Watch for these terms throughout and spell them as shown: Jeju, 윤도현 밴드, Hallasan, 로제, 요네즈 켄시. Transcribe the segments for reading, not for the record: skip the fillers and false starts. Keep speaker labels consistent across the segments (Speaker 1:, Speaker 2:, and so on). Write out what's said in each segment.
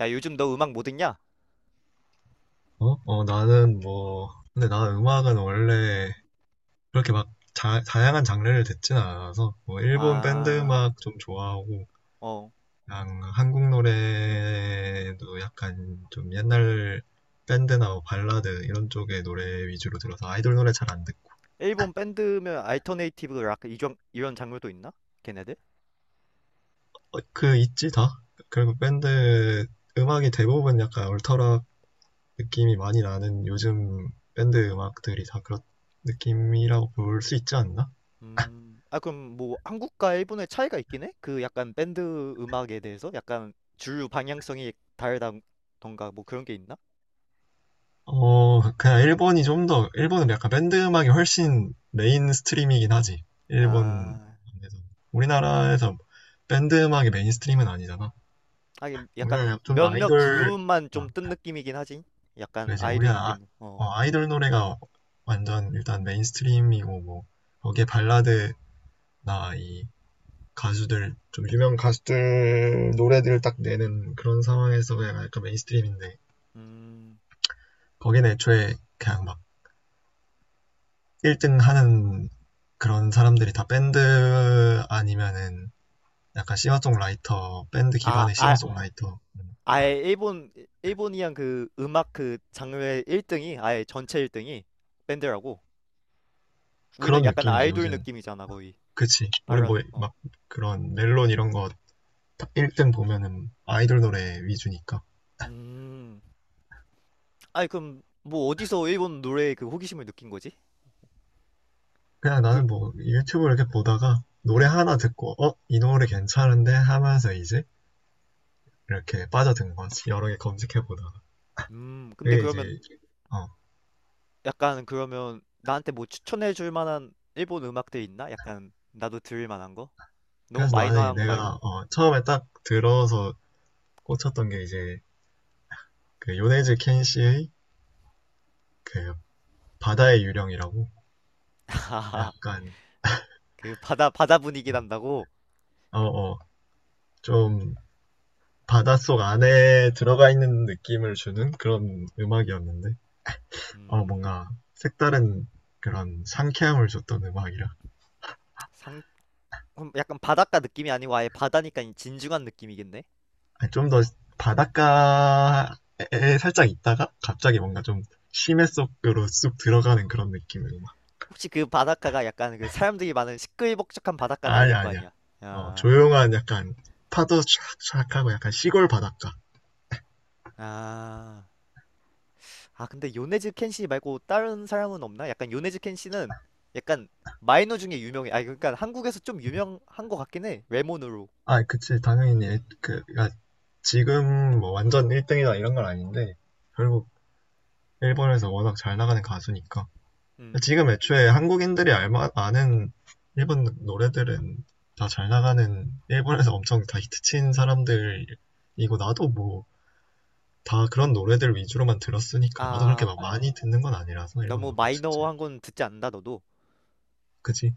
Speaker 1: 야, 요즘 너 음악 뭐 듣냐?
Speaker 2: 어? 어, 나는 뭐, 근데 나는 음악은 원래 그렇게 막 자, 다양한 장르를 듣진 않아서, 뭐, 일본 밴드
Speaker 1: 아,
Speaker 2: 음악 좀 좋아하고,
Speaker 1: 어.
Speaker 2: 그냥 한국 노래도 약간 좀 옛날 밴드나 뭐 발라드 이런 쪽의 노래 위주로 들어서 아이돌 노래 잘 안 듣고.
Speaker 1: 일본 밴드면 알터네이티브 락 이런 장르도 있나? 걔네들?
Speaker 2: 어, 그, 있지, 다? 결국 밴드 음악이 대부분 약간 얼터락 느낌이 많이 나는 요즘 밴드 음악들이 다 그런 느낌이라고 볼 수 있지 않나?
Speaker 1: 음. 아, 그럼 뭐 한국과 일본의 차이가 있긴 해? 그 약간 밴드 음악에 대해서 약간 주류 방향성이 다르다던가 뭐 그런 게 있나?
Speaker 2: 어, 그냥 일본이 좀 더, 일본은 약간 밴드 음악이 훨씬 메인 스트림이긴 하지. 일본
Speaker 1: 아.
Speaker 2: 안에서. 우리나라에서 밴드 음악이 메인 스트림은 아니잖아.
Speaker 1: 하긴 약간
Speaker 2: 우리나라 좀 더
Speaker 1: 몇몇
Speaker 2: 아이돌,
Speaker 1: 그룹만 좀
Speaker 2: 아,
Speaker 1: 뜬 느낌이긴 하지. 약간
Speaker 2: 그지.
Speaker 1: 아이돌
Speaker 2: 우리나라, 아,
Speaker 1: 느낌. 어.
Speaker 2: 어, 아이돌 노래가 완전 일단 메인 스트림이고, 뭐, 거기에 발라드나 이 가수들, 좀 유명 가수들 노래들을 딱 내는 그런 상황에서 그냥 약간 메인 스트림인데,
Speaker 1: 음.
Speaker 2: 거기는 애초에 그냥 막 1등 하는 그런 사람들이 다 밴드 아니면은 약간 싱어송라이터, 밴드
Speaker 1: 아,
Speaker 2: 기반의
Speaker 1: 아,
Speaker 2: 싱어송라이터
Speaker 1: 아예 일본이랑 그 음악 그 장르의 1등이 아예 전체 1등이 밴드라고. 우리는
Speaker 2: 그런
Speaker 1: 약간
Speaker 2: 느낌이지
Speaker 1: 아이돌
Speaker 2: 요즘.
Speaker 1: 느낌이잖아 거의.
Speaker 2: 그치. 우리
Speaker 1: 발라드.
Speaker 2: 뭐
Speaker 1: 어.
Speaker 2: 막 그런 멜론 이런 거 1등 보면은 아이돌 노래 위주니까.
Speaker 1: 음. 아니, 그럼 뭐 어디서 일본 노래에 그 호기심을 느낀 거지?
Speaker 2: 그냥
Speaker 1: 그,
Speaker 2: 나는 뭐 유튜브 이렇게 보다가 노래
Speaker 1: 야.
Speaker 2: 하나 듣고 어? 이 노래 괜찮은데? 하면서 이제 이렇게 빠져든 거지. 여러 개 검색해 보다가.
Speaker 1: 음. 근데
Speaker 2: 그게 이제
Speaker 1: 그러면
Speaker 2: 어.
Speaker 1: 약간, 그러면 나한테 뭐 추천해 줄 만한 일본 음악들 있나? 약간 나도 들을 만한 거? 너무
Speaker 2: 그래서 나는
Speaker 1: 마이너한 거
Speaker 2: 내가
Speaker 1: 말고.
Speaker 2: 어, 처음에 딱 들어서 꽂혔던 게 이제 그 요네즈 켄시의 그 바다의 유령이라고 약간
Speaker 1: 그 바다 바다 분위기 난다고.
Speaker 2: 어어 좀 바닷속 안에 들어가 있는 느낌을 주는 그런 음악이었는데 어
Speaker 1: 음.
Speaker 2: 뭔가 색다른 그런 상쾌함을 줬던 음악이라
Speaker 1: 그럼 약간 바닷가 느낌이 아니고 아예 바다니까 이 진중한 느낌이겠네?
Speaker 2: 좀 더 바닷가에 살짝 있다가 갑자기 뭔가 좀 심해 속으로 쑥 들어가는 그런 느낌의 음악.
Speaker 1: 혹시 그 바닷가가 약간 그 사람들이 많은 시끌벅적한 바닷가는 아닐
Speaker 2: 아니야
Speaker 1: 거
Speaker 2: 아니야.
Speaker 1: 아니야?
Speaker 2: 어
Speaker 1: 야.
Speaker 2: 조용한 약간 파도 촥촥하고 약간 시골 바닷가.
Speaker 1: 아, 아 근데 요네즈 켄시 말고 다른 사람은 없나? 약간 요네즈 켄시는 약간 마이너 중에 유명해. 아, 그러니까 한국에서 좀 유명한 것 같긴 해. 외모으로.
Speaker 2: 아, 그치. 당연히 그, 야, 지금 뭐 완전 1등이다 이런 건 아닌데 결국 일본에서 워낙 잘 나가는 가수니까
Speaker 1: 음.
Speaker 2: 지금 애초에 한국인들이 알마 아는 일본 노래들은 다 잘 나가는 일본에서 엄청 다 히트친 사람들이고 나도 뭐 다 그런 노래들 위주로만 들었으니까 나도 그렇게
Speaker 1: 아,
Speaker 2: 막 많이 듣는 건 아니라서 일본
Speaker 1: 너무
Speaker 2: 노래 자체.
Speaker 1: 마이너한 건 듣지 않는다 너도.
Speaker 2: 그치?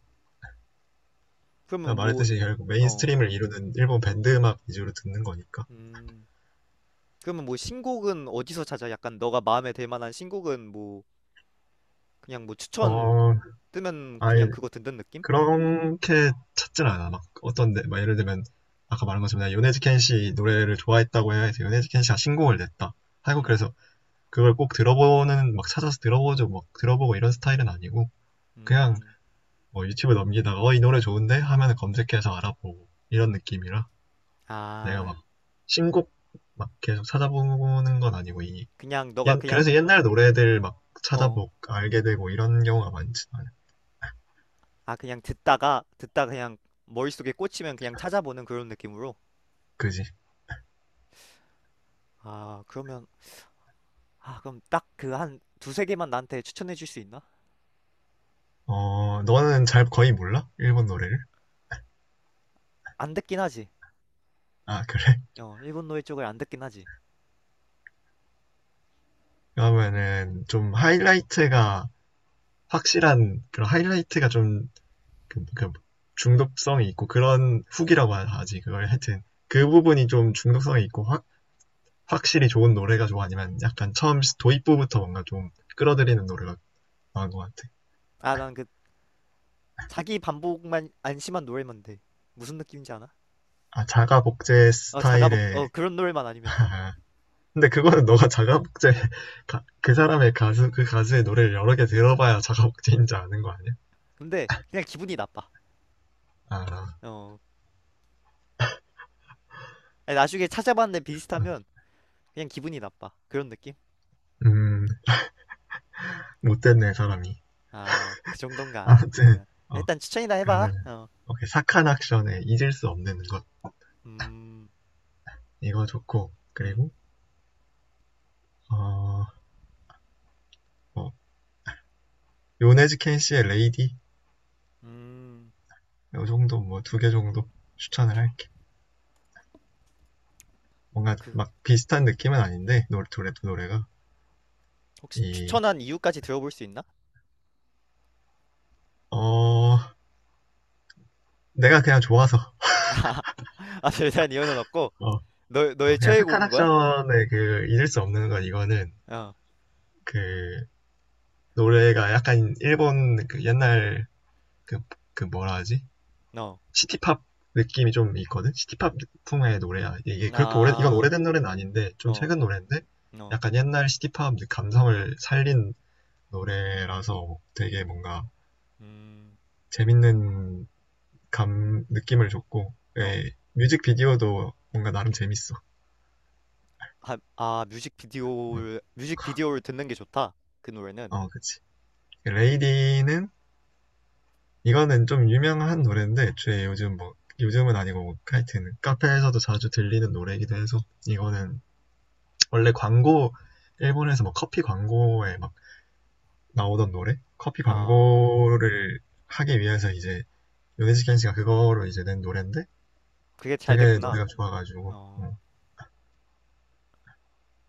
Speaker 2: 내가
Speaker 1: 그러면 뭐,
Speaker 2: 말했듯이 결국
Speaker 1: 어,
Speaker 2: 메인스트림을 이루는 일본 밴드 음악 위주로 듣는 거니까.
Speaker 1: 음, 그러면 뭐 신곡은 어디서 찾아? 약간 너가 마음에 들 만한 신곡은 뭐 그냥 뭐 추천
Speaker 2: 어
Speaker 1: 뜨면
Speaker 2: 아예
Speaker 1: 그냥 그거 듣는 느낌?
Speaker 2: 그렇게 찾진 않아. 막 어떤데 막 예를 들면 아까 말한 것처럼 내가 요네즈켄 씨 노래를 좋아했다고 해서 요네즈켄 씨가 신곡을 냈다. 하고
Speaker 1: 음.
Speaker 2: 그래서 그걸 꼭 들어보는 막 찾아서 들어보죠. 막 들어보고 이런 스타일은 아니고 그냥
Speaker 1: 음.
Speaker 2: 뭐 유튜브 넘기다가 어 이 노래 좋은데 하면 검색해서 알아보고 이런 느낌이라 내가 막
Speaker 1: 아,
Speaker 2: 신곡 막 계속 찾아보는 건 아니고 이
Speaker 1: 그냥 너가 그냥.
Speaker 2: 그래서 옛날 노래들 막
Speaker 1: 어.
Speaker 2: 찾아보고 알게 되고 이런 경우가 많지 않아.
Speaker 1: 아, 그냥 듣다가 듣다 그냥 머릿속에 꽂히면 그냥 찾아보는 그런 느낌으로.
Speaker 2: 그지?
Speaker 1: 아, 그러면, 아, 그럼 딱 그 한 두세 개만 나한테 추천해 줄 수 있나?
Speaker 2: 어 너는 잘 거의 몰라? 일본 노래를?
Speaker 1: 안 듣긴 하지.
Speaker 2: 아, 그래?
Speaker 1: 어, 일본 노래 쪽을 안 듣긴 하지.
Speaker 2: 그러면은 좀 하이라이트가 확실한 그런 하이라이트가 좀 그 중독성이 있고 그런 훅이라고 지 그걸 하여튼 그 부분이 좀 중독성이 있고 확 확실히 좋은 노래가 좋아 아니면 약간 처음 도입부부터 뭔가 좀 끌어들이는 노래가 나은 것 같아.
Speaker 1: 아, 난 그 자기 반복만 안심한 노래만 돼. 무슨 느낌인지 아나?
Speaker 2: 아, 자가 복제
Speaker 1: 어, 자가복 어,
Speaker 2: 스타일의.
Speaker 1: 그런 노래만 아니면 돼.
Speaker 2: 근데 그거는 너가 자가 복제 그 사람의 가수 그 가수의 노래를 여러 개 들어봐야 자가 복제인지 아는 거 아니야?
Speaker 1: 근데 그냥 기분이 나빠.
Speaker 2: 아,
Speaker 1: 어. 아니, 나중에 찾아봤는데
Speaker 2: 응.
Speaker 1: 비슷하면 그냥 기분이 나빠. 그런 느낌?
Speaker 2: 음, 못됐네 사람이.
Speaker 1: 아, 그 정도인가? 아,
Speaker 2: 아무튼 어
Speaker 1: 일단 추천이나 해봐.
Speaker 2: 그러면은
Speaker 1: 어.
Speaker 2: 오케이 사칸 액션의 잊을 수 없는 것
Speaker 1: 음.
Speaker 2: 이거 좋고.
Speaker 1: 음.
Speaker 2: 그리고 어 뭐, 요네즈 켄시의 레이디.
Speaker 1: 음.
Speaker 2: 요 정도 뭐 두 개 정도 추천을 할게. 뭔가
Speaker 1: 그,
Speaker 2: 막 비슷한 느낌은 아닌데 노래 둘의 노래가
Speaker 1: 혹시
Speaker 2: 이
Speaker 1: 추천한 이유까지 들어볼 수 있나?
Speaker 2: 어 내가 그냥 좋아서.
Speaker 1: 아, 대단한 이유는 없고,
Speaker 2: 어 어,
Speaker 1: 너의
Speaker 2: 그냥 사칸
Speaker 1: 최애곡인 거야?
Speaker 2: 액션의 그 잊을 수 없는 것 이거는
Speaker 1: 어.
Speaker 2: 그 노래가 약간 일본 그 옛날 그 그 뭐라 하지,
Speaker 1: 어.
Speaker 2: 시티팝 느낌이 좀 있거든. 시티팝 풍의 노래야. 그렇게 오래 이건
Speaker 1: 아.
Speaker 2: 오래된 노래는 아닌데 좀
Speaker 1: 어.
Speaker 2: 최근 노래인데
Speaker 1: 어.
Speaker 2: 약간 옛날 시티팝 감성을 살린 노래라서 되게 뭔가
Speaker 1: 음.
Speaker 2: 재밌는 감 느낌을 줬고
Speaker 1: 어.
Speaker 2: 예, 뮤직비디오도 뭔가 나름 재밌어.
Speaker 1: 아, 아,
Speaker 2: 응.
Speaker 1: 뮤직비디오를 듣는 게 좋다. 그 노래는.
Speaker 2: 어, 그치. 레이디는 이거는 좀 유명한 노래인데 애초에 요즘 뭐 요즘은 아니고 뭐, 하여튼 카페에서도 자주 들리는 노래이기도 해서 이거는 원래 광고, 일본에서 뭐 커피 광고에 막 나오던 노래? 커피
Speaker 1: 아,
Speaker 2: 광고를 하기 위해서 이제 요네즈켄 씨가 그거로 이제 낸 노래인데
Speaker 1: 그게 잘
Speaker 2: 되게
Speaker 1: 됐구나.
Speaker 2: 노래가 좋아가지고
Speaker 1: 어.
Speaker 2: 어,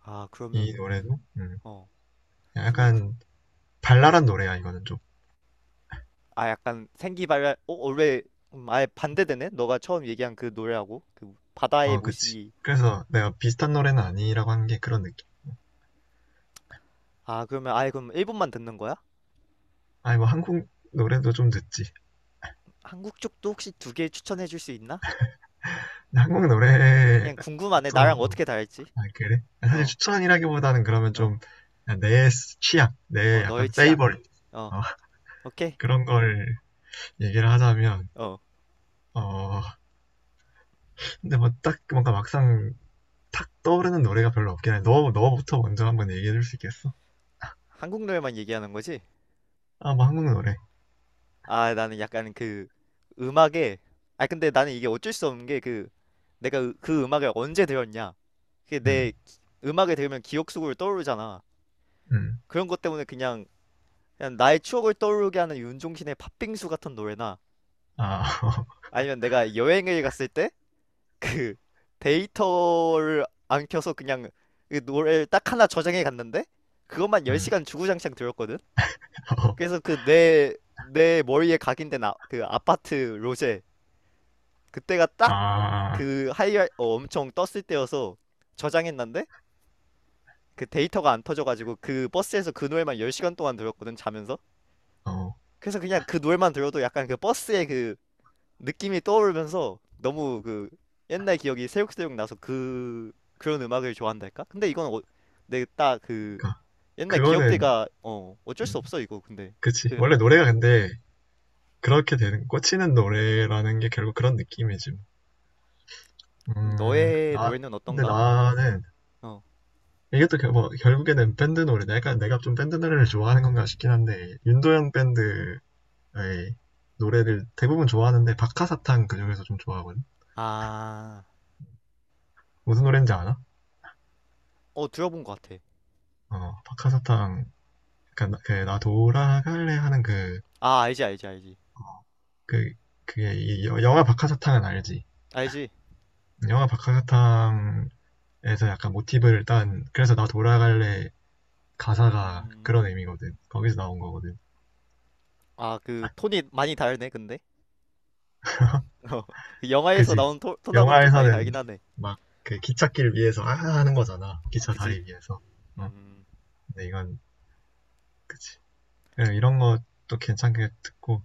Speaker 1: 아, 그러면,
Speaker 2: 이 노래도
Speaker 1: 어. 그
Speaker 2: 약간 발랄한 노래야 이거는 좀.
Speaker 1: 아 약간 생기발랄, 어 원래. 아예 반대되네 너가 처음 얘기한 그 노래하고 그 바다의
Speaker 2: 어 그치.
Speaker 1: 모시기.
Speaker 2: 그래서 내가 비슷한 노래는 아니라고 한 게 그런 느낌.
Speaker 1: 아, 그러면 아예 그럼 일본만 듣는 거야?
Speaker 2: 아니 뭐 한국 노래도 좀 듣지.
Speaker 1: 한국 쪽도 혹시 두 개 추천해 줄 수 있나?
Speaker 2: 근데 한국 노래
Speaker 1: 그냥 궁금하네 나랑
Speaker 2: 또
Speaker 1: 어떻게 다를지.
Speaker 2: 아, 그래? 사실
Speaker 1: 어어어
Speaker 2: 추천이라기보다는 그러면 좀 내 취향, 내 약간
Speaker 1: 너의 취향.
Speaker 2: 페이버릿
Speaker 1: 어.
Speaker 2: 어,
Speaker 1: 오케이.
Speaker 2: 그런 걸 얘기를 하자면
Speaker 1: 어.
Speaker 2: 어 근데 뭐 딱 뭔가 막상 탁 떠오르는 노래가 별로 없긴 해. 너 너부터 먼저 한번 얘기해 줄 수 있겠어?
Speaker 1: 한국 노래만 얘기하는 거지?
Speaker 2: 아 뭐 한국 노래.
Speaker 1: 아, 나는 약간 그 음악에, 아 근데 나는 이게 어쩔 수 없는 게, 그 내가 그 음악을 언제 들었냐, 그게
Speaker 2: 음.
Speaker 1: 내 음악을 들으면 기억 속으로 떠오르잖아.
Speaker 2: 음.
Speaker 1: 그런 것 때문에 그냥 나의 추억을 떠오르게 하는 윤종신의 팥빙수 같은 노래나,
Speaker 2: 아. 어,
Speaker 1: 아니면 내가 여행을 갔을 때 그 데이터를 안 켜서 그냥 그 노래를 딱 하나 저장해 갔는데 그것만
Speaker 2: 음.
Speaker 1: 10시간 주구장창 들었거든.
Speaker 2: 어.
Speaker 1: 그래서 그 내 머리에 각인된, 아, 그 아파트 로제. 그때가 딱
Speaker 2: 아.
Speaker 1: 그 하이, 어, 엄청 떴을 때여서 저장했는데 그 데이터가 안 터져가지고 그 버스에서 그 노래만 10시간 동안 들었거든 자면서.
Speaker 2: 어.
Speaker 1: 그래서 그냥 그 노래만 들어도 약간 그 버스의 그 느낌이 떠오르면서 너무 그 옛날 기억이 새록새록 나서 그런 음악을 좋아한달까? 근데 이건 어, 내딱그
Speaker 2: 그러니까
Speaker 1: 옛날
Speaker 2: 그거는
Speaker 1: 기억들과 어 어쩔 수 없어 이거 근데.
Speaker 2: 그치.
Speaker 1: 그,
Speaker 2: 원래
Speaker 1: 어,
Speaker 2: 노래가 근데 그렇게 되는 꽂히는 노래라는 게 결국 그런 느낌이지. 뭐. 음.
Speaker 1: 너의
Speaker 2: 나
Speaker 1: 노래는
Speaker 2: 근데
Speaker 1: 어떤가?
Speaker 2: 나는
Speaker 1: 어.
Speaker 2: 이게 또 결, 뭐, 결국에는 밴드 노래. 내가 좀 밴드 노래를 좋아하는 건가 싶긴 한데 윤도현 밴드 에이, 노래를 대부분 좋아하는데 박하사탕 그중에서 좀 좋아하거든.
Speaker 1: 아.
Speaker 2: 무슨 노래인지 아나?
Speaker 1: 어, 들어본 것 같아.
Speaker 2: 어, 박하사탕. 그러니까 나, 그, 나 돌아갈래 하는 그,
Speaker 1: 아, 알지, 알지, 알지,
Speaker 2: 그, 그게 이 영화 박하사탕은 알지?
Speaker 1: 알지.
Speaker 2: 영화 박하사탕에서 약간 모티브를 딴, 그래서 나 돌아갈래 가사가 그런
Speaker 1: 음.
Speaker 2: 의미거든. 거기서 나온 거거든.
Speaker 1: 아, 그
Speaker 2: 아,
Speaker 1: 톤이 많이 다르네 근데. 어. 그 영화에서
Speaker 2: 그지?
Speaker 1: 나온 톤하고는 좀 많이
Speaker 2: 영화에서는
Speaker 1: 다르긴 하네.
Speaker 2: 막 그 기찻길 위에서 아 하는 거잖아. 기차
Speaker 1: 그지?
Speaker 2: 다리 위에서. 어,
Speaker 1: 음.
Speaker 2: 근데 이건 그치. 예, 이런 것도 괜찮게 듣고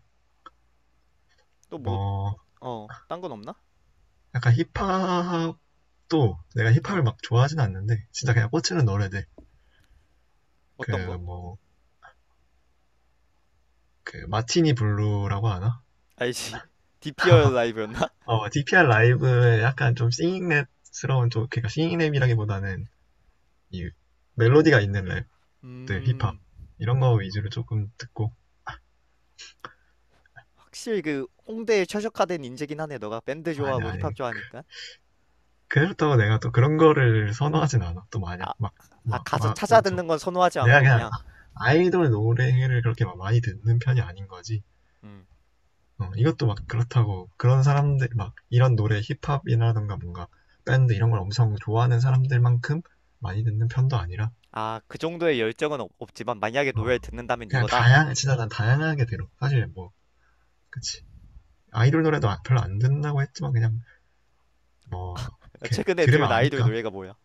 Speaker 1: 또 뭐,
Speaker 2: 뭐
Speaker 1: 어 딴 건 없나?
Speaker 2: 약간 힙합도 내가 힙합을
Speaker 1: 어,
Speaker 2: 막 좋아하진 않는데 진짜 그냥 꽂히는 노래들,
Speaker 1: 어떤 거?
Speaker 2: 그 뭐 그 마티니 블루라고 하나?
Speaker 1: 알지? 디피 r 라이브였나?
Speaker 2: 어, DPR 라이브의 약간 좀 싱잉랩스러운 좀 그러니까 싱잉랩이라기보다는 이 멜로디가 있는 랩들 힙합
Speaker 1: 음,
Speaker 2: 이런 거 위주로 조금 듣고.
Speaker 1: 확실히 그 홍대에 최적화된 인재긴 하네. 너가 밴드
Speaker 2: 아니
Speaker 1: 좋아하고
Speaker 2: 아니
Speaker 1: 힙합
Speaker 2: 그-
Speaker 1: 좋아하니까.
Speaker 2: 그렇다고 내가 또 그런 거를 선호하진 않아 또 마냥
Speaker 1: 아, 아 가서
Speaker 2: 막막막
Speaker 1: 찾아
Speaker 2: 엄청.
Speaker 1: 듣는 건 선호하지
Speaker 2: 내가
Speaker 1: 않고
Speaker 2: 그냥
Speaker 1: 그냥.
Speaker 2: 아이돌 노래를 그렇게 막 많이 듣는 편이 아닌 거지.
Speaker 1: 음.
Speaker 2: 어, 이것도 막 그렇다고 그런 사람들 막 이런 노래 힙합이라든가 뭔가 밴드 이런 걸 엄청 좋아하는 사람들만큼 많이 듣는 편도 아니라
Speaker 1: 아, 그 정도의 열정은 없지만 만약에
Speaker 2: 어,
Speaker 1: 노래를 듣는다면
Speaker 2: 그냥
Speaker 1: 이거다.
Speaker 2: 다양 진짜 난 다양하게 들어 사실 뭐, 그치, 아이돌 노래도 별로 안 듣는다고 했지만 그냥 뭐 이렇게
Speaker 1: 최근에
Speaker 2: 들으면
Speaker 1: 들은 아이돌
Speaker 2: 아니까.
Speaker 1: 노래가 뭐야?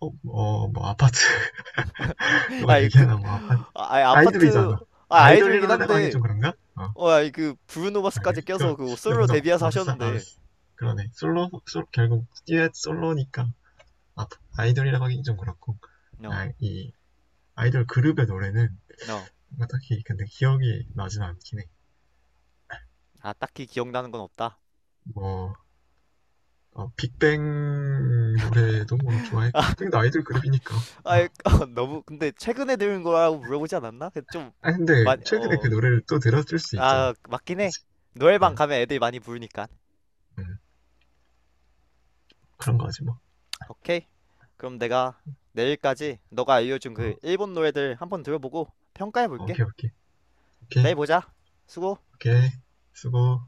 Speaker 2: 어뭐 뭐 아파트 누가
Speaker 1: 아이 그,
Speaker 2: 얘기하나 뭐 아파트
Speaker 1: 아, 아이, 아파트.
Speaker 2: 아이돌이잖아.
Speaker 1: 아,
Speaker 2: 아이돌
Speaker 1: 아이돌이긴
Speaker 2: 노래라고 하기
Speaker 1: 한데.
Speaker 2: 좀 그런가 어.
Speaker 1: 어, 아이 그 브루노 마스까지
Speaker 2: 알겠어
Speaker 1: 껴서
Speaker 2: 그
Speaker 1: 그
Speaker 2: 근데
Speaker 1: 솔로
Speaker 2: 뭔가
Speaker 1: 데뷔해서
Speaker 2: 막상
Speaker 1: 하셨는데.
Speaker 2: 알았어
Speaker 1: 어.
Speaker 2: 그러네 솔로 솔 결국 듀엣 솔로니까 아, 이돌이라고 하긴 좀 그렇고
Speaker 1: No.
Speaker 2: 아, 이 아이돌 그룹의 노래는
Speaker 1: No.
Speaker 2: 딱히 근데 기억이 나진 않긴 해.
Speaker 1: 아, 딱히 기억나는 건 없다.
Speaker 2: 뭐 어, 빅뱅 노래도 뭐 좋아했고 빅뱅도 아이돌 그룹이니까. 어.
Speaker 1: 아, 너무, 근데 최근에 들은 거라고 물어보지 않았나? 그 좀
Speaker 2: 아 근데
Speaker 1: 많이,
Speaker 2: 최근에 그
Speaker 1: 어,
Speaker 2: 노래를 또 들었을 수
Speaker 1: 아,
Speaker 2: 있잖아.
Speaker 1: 맞긴 해.
Speaker 2: 그치? 어,
Speaker 1: 노래방 가면 애들이 많이 부르니까.
Speaker 2: 음, 그런 거지 뭐.
Speaker 1: 오케이. 그럼 내가 내일까지 너가 알려준
Speaker 2: 어,
Speaker 1: 그 일본 노래들 한번 들어보고 평가해 볼게.
Speaker 2: 오케이 오케이 오케이.
Speaker 1: 내일 보자. 수고.
Speaker 2: 오케이 수고.